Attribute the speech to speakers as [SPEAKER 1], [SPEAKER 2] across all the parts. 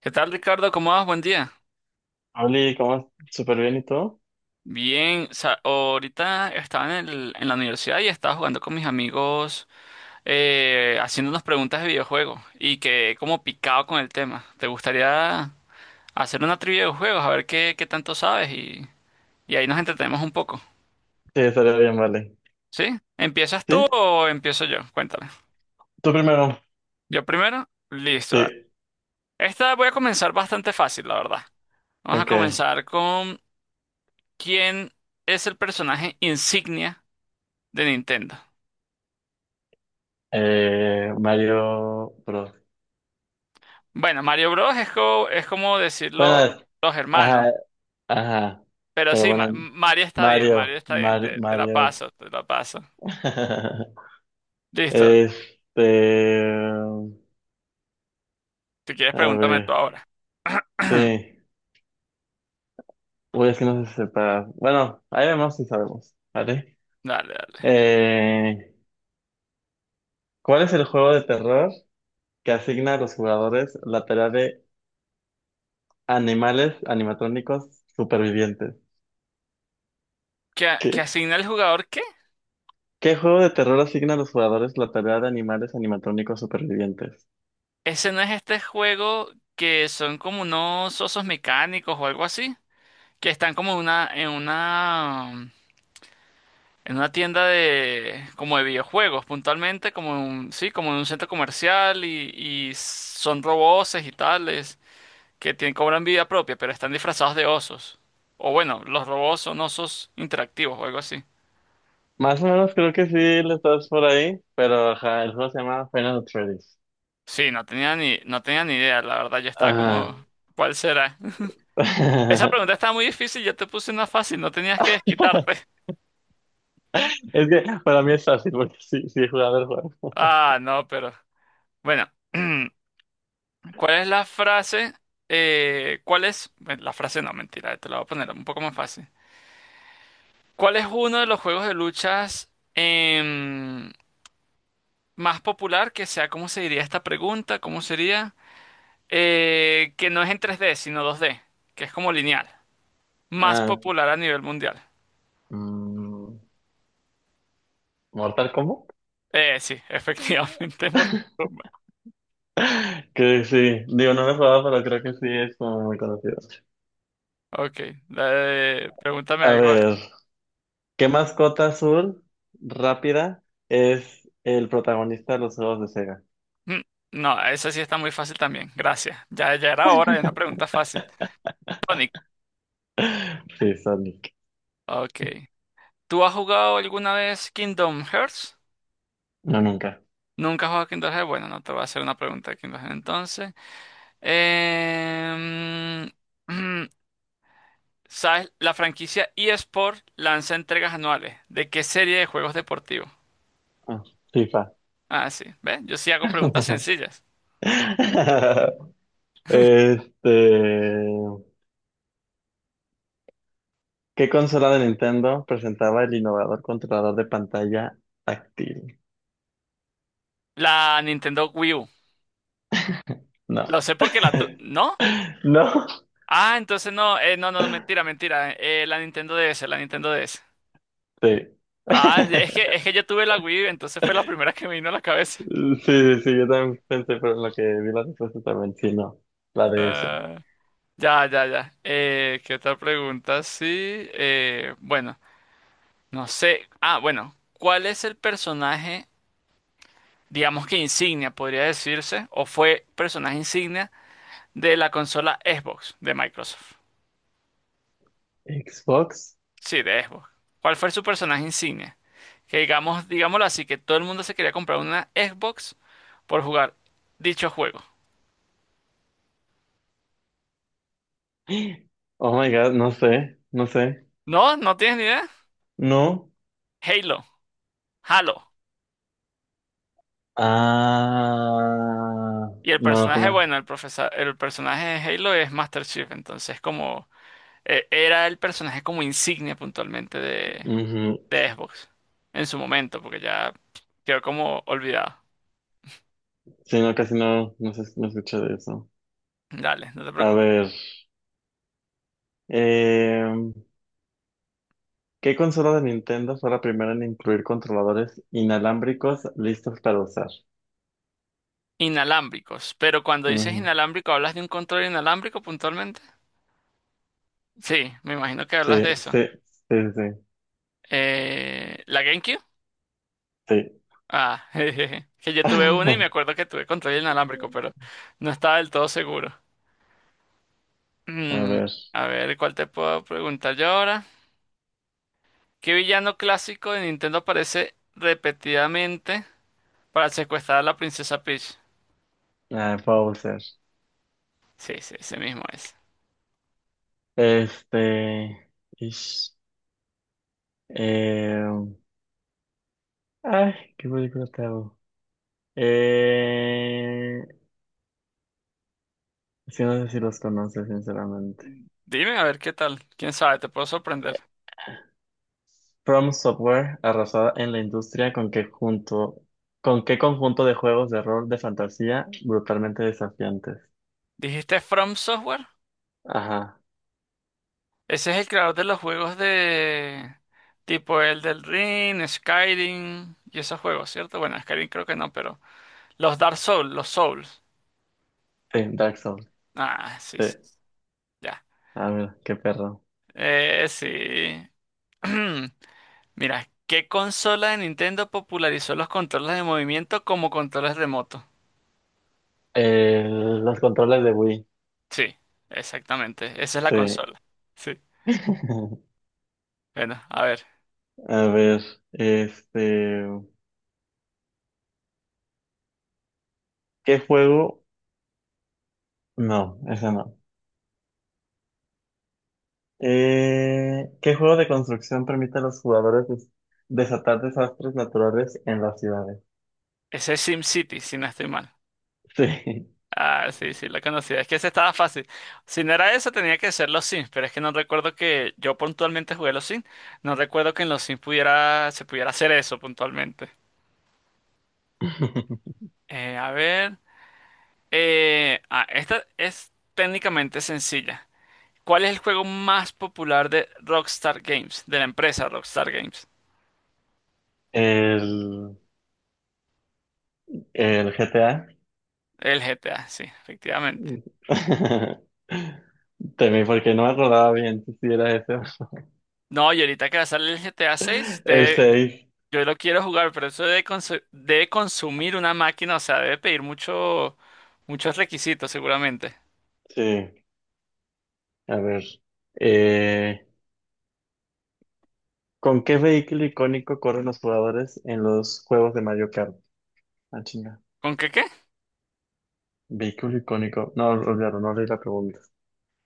[SPEAKER 1] ¿Qué tal, Ricardo? ¿Cómo vas? Buen día.
[SPEAKER 2] Oli, ¿cómo? ¿Súper bien y todo?
[SPEAKER 1] Bien, ahorita estaba en la universidad y estaba jugando con mis amigos, haciendo unas preguntas de videojuegos y quedé como picado con el tema. ¿Te gustaría hacer una trivia de juegos? A ver qué tanto sabes y ahí nos entretenemos un poco.
[SPEAKER 2] Sí, estaría bien, vale.
[SPEAKER 1] ¿Sí? ¿Empiezas tú
[SPEAKER 2] ¿Sí?
[SPEAKER 1] o empiezo yo? Cuéntame.
[SPEAKER 2] ¿Tú primero?
[SPEAKER 1] Yo primero. Listo. Dale.
[SPEAKER 2] Sí.
[SPEAKER 1] Esta voy a comenzar bastante fácil, la verdad. Vamos a
[SPEAKER 2] Ok.
[SPEAKER 1] comenzar con ¿quién es el personaje insignia de Nintendo?
[SPEAKER 2] Mario Bros.
[SPEAKER 1] Bueno, Mario Bros. Es es como decirlo
[SPEAKER 2] Bueno,
[SPEAKER 1] los hermanos.
[SPEAKER 2] ajá, ajá.
[SPEAKER 1] Pero
[SPEAKER 2] Pero
[SPEAKER 1] sí,
[SPEAKER 2] bueno,
[SPEAKER 1] Mario está bien, Mario
[SPEAKER 2] Mario,
[SPEAKER 1] está bien.
[SPEAKER 2] Mario,
[SPEAKER 1] Te la
[SPEAKER 2] Mario es.
[SPEAKER 1] paso, te la paso. Listo.
[SPEAKER 2] Este,
[SPEAKER 1] Si quieres,
[SPEAKER 2] a
[SPEAKER 1] pregúntame
[SPEAKER 2] ver,
[SPEAKER 1] tú ahora.
[SPEAKER 2] sí. Uy, es que no se separa. Bueno, ahí vemos si sabemos, ¿vale?
[SPEAKER 1] Dale, dale.
[SPEAKER 2] Eh, ¿Cuál es el juego de terror que asigna a los jugadores laterales animales animatrónicos supervivientes?
[SPEAKER 1] Que
[SPEAKER 2] ¿Qué?
[SPEAKER 1] asigna el jugador qué?
[SPEAKER 2] ¿Qué juego de terror asigna a los jugadores la tarea de animales animatrónicos supervivientes?
[SPEAKER 1] Ese no es este juego que son como unos osos mecánicos o algo así. Que están como en una tienda de, como de videojuegos, puntualmente, como en un, sí, como en un centro comercial y son roboces y tales. Que tienen, cobran vida propia, pero están disfrazados de osos. O bueno, los robots son osos interactivos o algo así.
[SPEAKER 2] Más o menos creo que sí le estás por ahí, pero ajá, el juego se llama Final Freddy's.
[SPEAKER 1] Sí, no tenía ni idea, la verdad, yo estaba
[SPEAKER 2] Ajá.
[SPEAKER 1] como, ¿cuál será? Esa pregunta estaba muy difícil, yo te puse una fácil, no tenías que desquitarte.
[SPEAKER 2] Es que para mí es fácil porque sí, sí he jugado el juego.
[SPEAKER 1] Ah, no, pero bueno, ¿cuál es la frase? ¿Cuál es? Bueno, La frase no, mentira, te la voy a poner un poco más fácil. ¿Cuál es uno de los juegos de luchas, más popular que sea? ¿Cómo se diría esta pregunta? ¿Cómo sería? Que no es en 3D, sino 2D, que es como lineal. Más
[SPEAKER 2] Ah,
[SPEAKER 1] popular a nivel mundial.
[SPEAKER 2] mm, ¿Mortal Kombat?
[SPEAKER 1] Sí, efectivamente, es Mortal Kombat.
[SPEAKER 2] Que sí, digo, no lo he jugado, pero creo que sí es como muy conocido.
[SPEAKER 1] Ok, pregúntame
[SPEAKER 2] A
[SPEAKER 1] algo.
[SPEAKER 2] ver. ¿Qué mascota azul rápida es el protagonista de los juegos de Sega?
[SPEAKER 1] Mm, No, esa sí está muy fácil también, gracias. Ya, ya era hora de una pregunta fácil. Sonic,
[SPEAKER 2] Sí, Sonic.
[SPEAKER 1] ok. ¿Tú has jugado alguna vez Kingdom Hearts?
[SPEAKER 2] No, nunca.
[SPEAKER 1] ¿Nunca has jugado Kingdom Hearts? Bueno, no te voy a hacer una pregunta de Kingdom Hearts entonces. Em, ¿Sabes? La franquicia eSport lanza entregas anuales. ¿De qué serie de juegos deportivos?
[SPEAKER 2] Ah, FIFA.
[SPEAKER 1] Ah, sí. ¿Ves? Yo sí hago preguntas sencillas.
[SPEAKER 2] Este, ¿qué consola de Nintendo presentaba el innovador controlador de pantalla táctil?
[SPEAKER 1] La Nintendo Wii U.
[SPEAKER 2] No.
[SPEAKER 1] Lo sé porque la tu... ¿No?
[SPEAKER 2] ¿No?
[SPEAKER 1] Ah, entonces no. No, no, no, mentira, mentira. La Nintendo DS, la Nintendo DS.
[SPEAKER 2] Sí.
[SPEAKER 1] Ah, es que yo tuve la Wii entonces fue la primera que me vino a la cabeza.
[SPEAKER 2] Sí, sí, sí, yo también pensé, pero en lo que vi la respuesta también, sí, no. La DS.
[SPEAKER 1] Ah, ya. ¿Qué otra pregunta? Sí. Bueno, no sé. Ah, bueno. ¿Cuál es el personaje? Digamos que insignia, podría decirse, o fue personaje insignia de la consola Xbox de Microsoft.
[SPEAKER 2] ¿Xbox?
[SPEAKER 1] Sí, de Xbox. ¿Cuál fue su personaje insignia? Que digamos, digámoslo así, que todo el mundo se quería comprar una Xbox por jugar dicho juego.
[SPEAKER 2] Oh my God, no sé, no sé.
[SPEAKER 1] ¿No? ¿No tienes ni idea?
[SPEAKER 2] No.
[SPEAKER 1] Halo, Halo.
[SPEAKER 2] Ah,
[SPEAKER 1] Y el
[SPEAKER 2] no, no
[SPEAKER 1] personaje,
[SPEAKER 2] tenía.
[SPEAKER 1] bueno, el profesor, el personaje de Halo es Master Chief, entonces como era el personaje como insignia puntualmente
[SPEAKER 2] Ujú.
[SPEAKER 1] de Xbox en su momento, porque ya quedó como olvidado.
[SPEAKER 2] Sí, no, casi no, no escuché de eso.
[SPEAKER 1] Dale, no te
[SPEAKER 2] A
[SPEAKER 1] preocupes.
[SPEAKER 2] ver, eh, ¿qué consola de Nintendo fue la primera en incluir controladores inalámbricos listos para usar?
[SPEAKER 1] Inalámbricos. Pero cuando dices
[SPEAKER 2] Ujú.
[SPEAKER 1] inalámbrico, ¿hablas de un control inalámbrico puntualmente? Sí, me imagino que
[SPEAKER 2] Sí,
[SPEAKER 1] hablas de eso.
[SPEAKER 2] sí, sí, sí,
[SPEAKER 1] ¿La GameCube?
[SPEAKER 2] sí.
[SPEAKER 1] Ah, jejeje. Que yo tuve una y me acuerdo que tuve control inalámbrico, pero no estaba del todo seguro.
[SPEAKER 2] A
[SPEAKER 1] Mm,
[SPEAKER 2] ver,
[SPEAKER 1] a ver, ¿cuál te puedo preguntar yo ahora? ¿Qué villano clásico de Nintendo aparece repetidamente para secuestrar a la princesa Peach?
[SPEAKER 2] ah, Bowser.
[SPEAKER 1] Sí, sí, ese mismo es.
[SPEAKER 2] Este, ish, eh, ay, ¿qué película te hago? Eh, sí, no sé si los conoces, sinceramente.
[SPEAKER 1] Dime, a ver qué tal. ¿Quién sabe? Te puedo sorprender.
[SPEAKER 2] From Software arrasada en la industria con que junto, ¿con qué conjunto de juegos de rol de fantasía brutalmente desafiantes?
[SPEAKER 1] ¿Dijiste From Software?
[SPEAKER 2] Ajá,
[SPEAKER 1] Ese es el creador de los juegos de tipo el del Ring, Skyrim y esos juegos, ¿cierto? Bueno, Skyrim creo que no, pero los Dark Souls, los Souls.
[SPEAKER 2] sí, Dark Souls,
[SPEAKER 1] Ah, sí,
[SPEAKER 2] sí.
[SPEAKER 1] sí, ya.
[SPEAKER 2] A ver, qué perro.
[SPEAKER 1] Sí. Mira, ¿qué consola de Nintendo popularizó los controles de movimiento como controles remotos?
[SPEAKER 2] Los controles de Wii,
[SPEAKER 1] Sí, exactamente. Esa es la
[SPEAKER 2] sí.
[SPEAKER 1] consola. Sí. Bueno, a ver.
[SPEAKER 2] A ver, este, ¿qué juego? No, ese no. ¿Qué juego de construcción permite a los jugadores desatar desastres naturales en las ciudades?
[SPEAKER 1] Ese es SimCity, si no estoy mal.
[SPEAKER 2] Sí.
[SPEAKER 1] Ah, sí, sí, la conocía. Es que ese estaba fácil. Si no era eso, tenía que ser los Sims, pero es que no recuerdo que yo puntualmente jugué los Sims. No recuerdo que en los Sims se pudiera hacer eso puntualmente. A ver. Esta es técnicamente sencilla. ¿Cuál es el juego más popular de Rockstar Games? De la empresa Rockstar Games.
[SPEAKER 2] El El GTA.
[SPEAKER 1] El GTA, sí, efectivamente.
[SPEAKER 2] Temí porque no me acordaba bien si era ese.
[SPEAKER 1] No, y ahorita que va a salir el GTA 6,
[SPEAKER 2] El seis.
[SPEAKER 1] yo lo quiero jugar, pero eso debe consumir una máquina, o sea, debe pedir muchos requisitos seguramente.
[SPEAKER 2] Sí, a ver. Eh, ¿Con qué vehículo icónico corren los jugadores en los juegos de Mario Kart? Ah, chinga.
[SPEAKER 1] ¿Con qué qué?
[SPEAKER 2] Vehículo icónico. No, olvidaron, no leí la pregunta.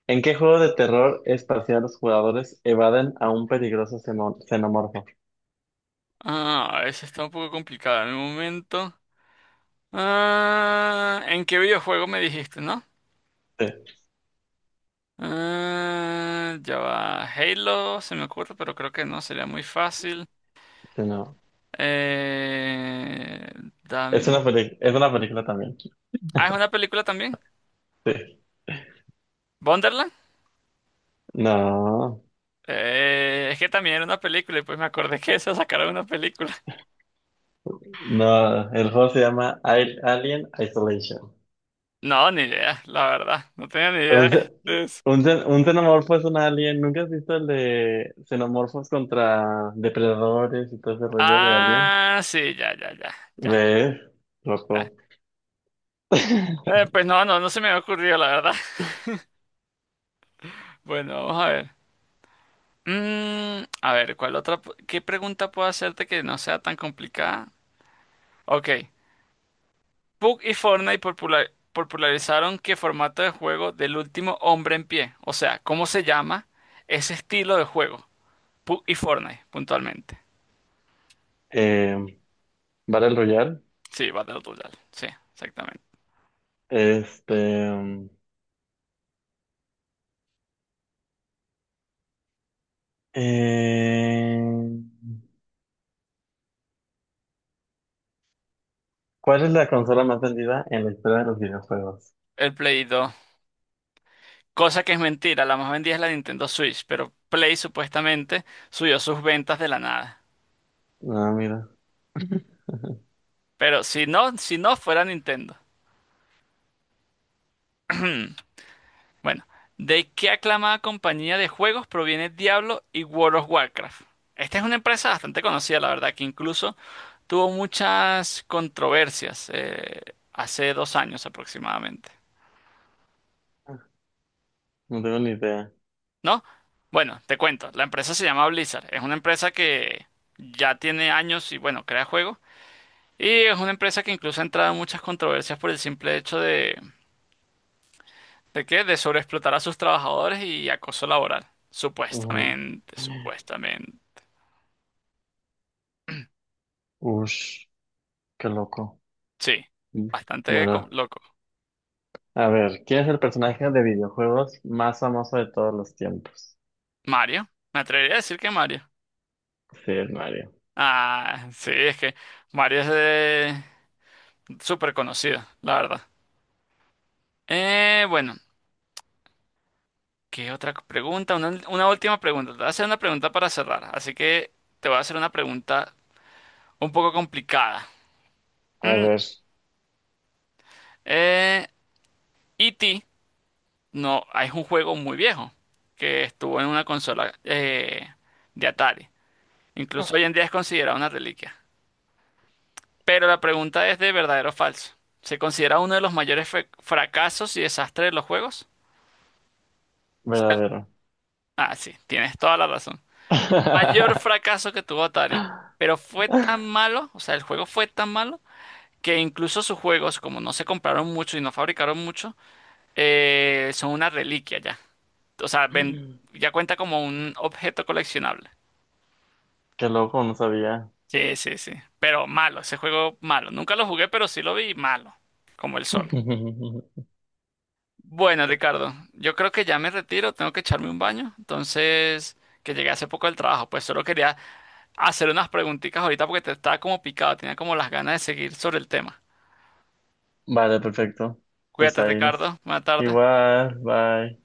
[SPEAKER 2] ¿En qué juego de terror espacial los jugadores evaden a un peligroso xenomorfo?
[SPEAKER 1] Ah, eso está un poco complicado en el momento. Ah, ¿en qué videojuego me dijiste, no?
[SPEAKER 2] Sí,
[SPEAKER 1] Ah, ya va. Halo, se me ocurre, pero creo que no, sería muy fácil.
[SPEAKER 2] sí, no.
[SPEAKER 1] Eh, dame
[SPEAKER 2] Es
[SPEAKER 1] un-
[SPEAKER 2] una es una película también.
[SPEAKER 1] Ah, ¿es una película también?
[SPEAKER 2] Sí.
[SPEAKER 1] ¿Wonderland?
[SPEAKER 2] No.
[SPEAKER 1] Es que también era una película y pues me acordé que eso sacaron una película.
[SPEAKER 2] No, el juego se llama Alien Isolation.
[SPEAKER 1] No, ni idea, la verdad. No tenía ni idea
[SPEAKER 2] Un, ce-
[SPEAKER 1] de eso.
[SPEAKER 2] un xenomorfo es un alien. ¿Nunca has visto el de xenomorfos contra depredadores y todo ese rollo de alien?
[SPEAKER 1] Ah, sí, ya.
[SPEAKER 2] ¿Ves?
[SPEAKER 1] Ya.
[SPEAKER 2] Loco.
[SPEAKER 1] Pues no, no se me había ocurrido, la verdad. Bueno, vamos a ver. A ver, ¿cuál otra? ¿Qué pregunta puedo hacerte que no sea tan complicada? Ok. Pug y Fortnite popularizaron qué formato de juego del último hombre en pie. O sea, ¿cómo se llama ese estilo de juego? Pug y Fortnite, puntualmente.
[SPEAKER 2] Eh, Battle Royale.
[SPEAKER 1] Sí, Battle Royale. Sí, exactamente.
[SPEAKER 2] Este. eh, ¿Cuál es la consola más vendida en la historia de los videojuegos?
[SPEAKER 1] El Play 2. Cosa que es mentira, la más vendida es la Nintendo Switch, pero Play supuestamente subió sus ventas de la nada.
[SPEAKER 2] Ah, mira.
[SPEAKER 1] Pero si no, si no fuera Nintendo. Bueno, ¿de qué aclamada compañía de juegos proviene Diablo y World of Warcraft? Esta es una empresa bastante conocida, la verdad, que incluso tuvo muchas controversias, hace 2 años aproximadamente,
[SPEAKER 2] No tengo ni idea.
[SPEAKER 1] ¿no? Bueno, te cuento, la empresa se llama Blizzard, es una empresa que ya tiene años y bueno, crea juegos. Y es una empresa que incluso ha entrado en muchas controversias por el simple hecho ¿de qué? De sobreexplotar a sus trabajadores y acoso laboral.
[SPEAKER 2] Ujú.
[SPEAKER 1] Supuestamente, supuestamente.
[SPEAKER 2] Ush, qué loco.
[SPEAKER 1] Sí, bastante
[SPEAKER 2] Bueno.
[SPEAKER 1] loco.
[SPEAKER 2] A ver, ¿quién es el personaje de videojuegos más famoso de todos los tiempos?
[SPEAKER 1] Mario, me atrevería a decir que Mario.
[SPEAKER 2] Sí, es Mario.
[SPEAKER 1] Ah, sí, es que Mario es de... súper conocido, la verdad. Bueno, ¿qué otra pregunta? Una última pregunta. Te voy a hacer una pregunta para cerrar. Así que te voy a hacer una pregunta un poco complicada.
[SPEAKER 2] A
[SPEAKER 1] Mm,
[SPEAKER 2] ver,
[SPEAKER 1] eh, ¿Y ti? No, es un juego muy viejo que estuvo en una consola, de Atari. Incluso hoy en día es considerado una reliquia. Pero la pregunta es de verdadero o falso. ¿Se considera uno de los mayores fracasos y desastres de los juegos?
[SPEAKER 2] verdadero.
[SPEAKER 1] Ah, sí, tienes toda la razón. Mayor fracaso que tuvo Atari. Pero fue tan malo, o sea, el juego fue tan malo, que incluso sus juegos, como no se compraron mucho y no fabricaron mucho, son una reliquia ya. O sea, ya cuenta como un objeto coleccionable.
[SPEAKER 2] Qué loco, no sabía.
[SPEAKER 1] Sí, sí, sí. Pero malo, ese juego malo. Nunca lo jugué, pero sí lo vi malo, como el sol. Bueno, Ricardo, yo creo que ya me retiro, tengo que echarme un baño. Entonces, que llegué hace poco del trabajo, pues solo quería hacer unas preguntitas ahorita porque te estaba como picado, tenía como las ganas de seguir sobre el tema.
[SPEAKER 2] Vale, perfecto. Pues
[SPEAKER 1] Cuídate,
[SPEAKER 2] ahí nos...
[SPEAKER 1] Ricardo. Buena tarde.
[SPEAKER 2] Igual, bye.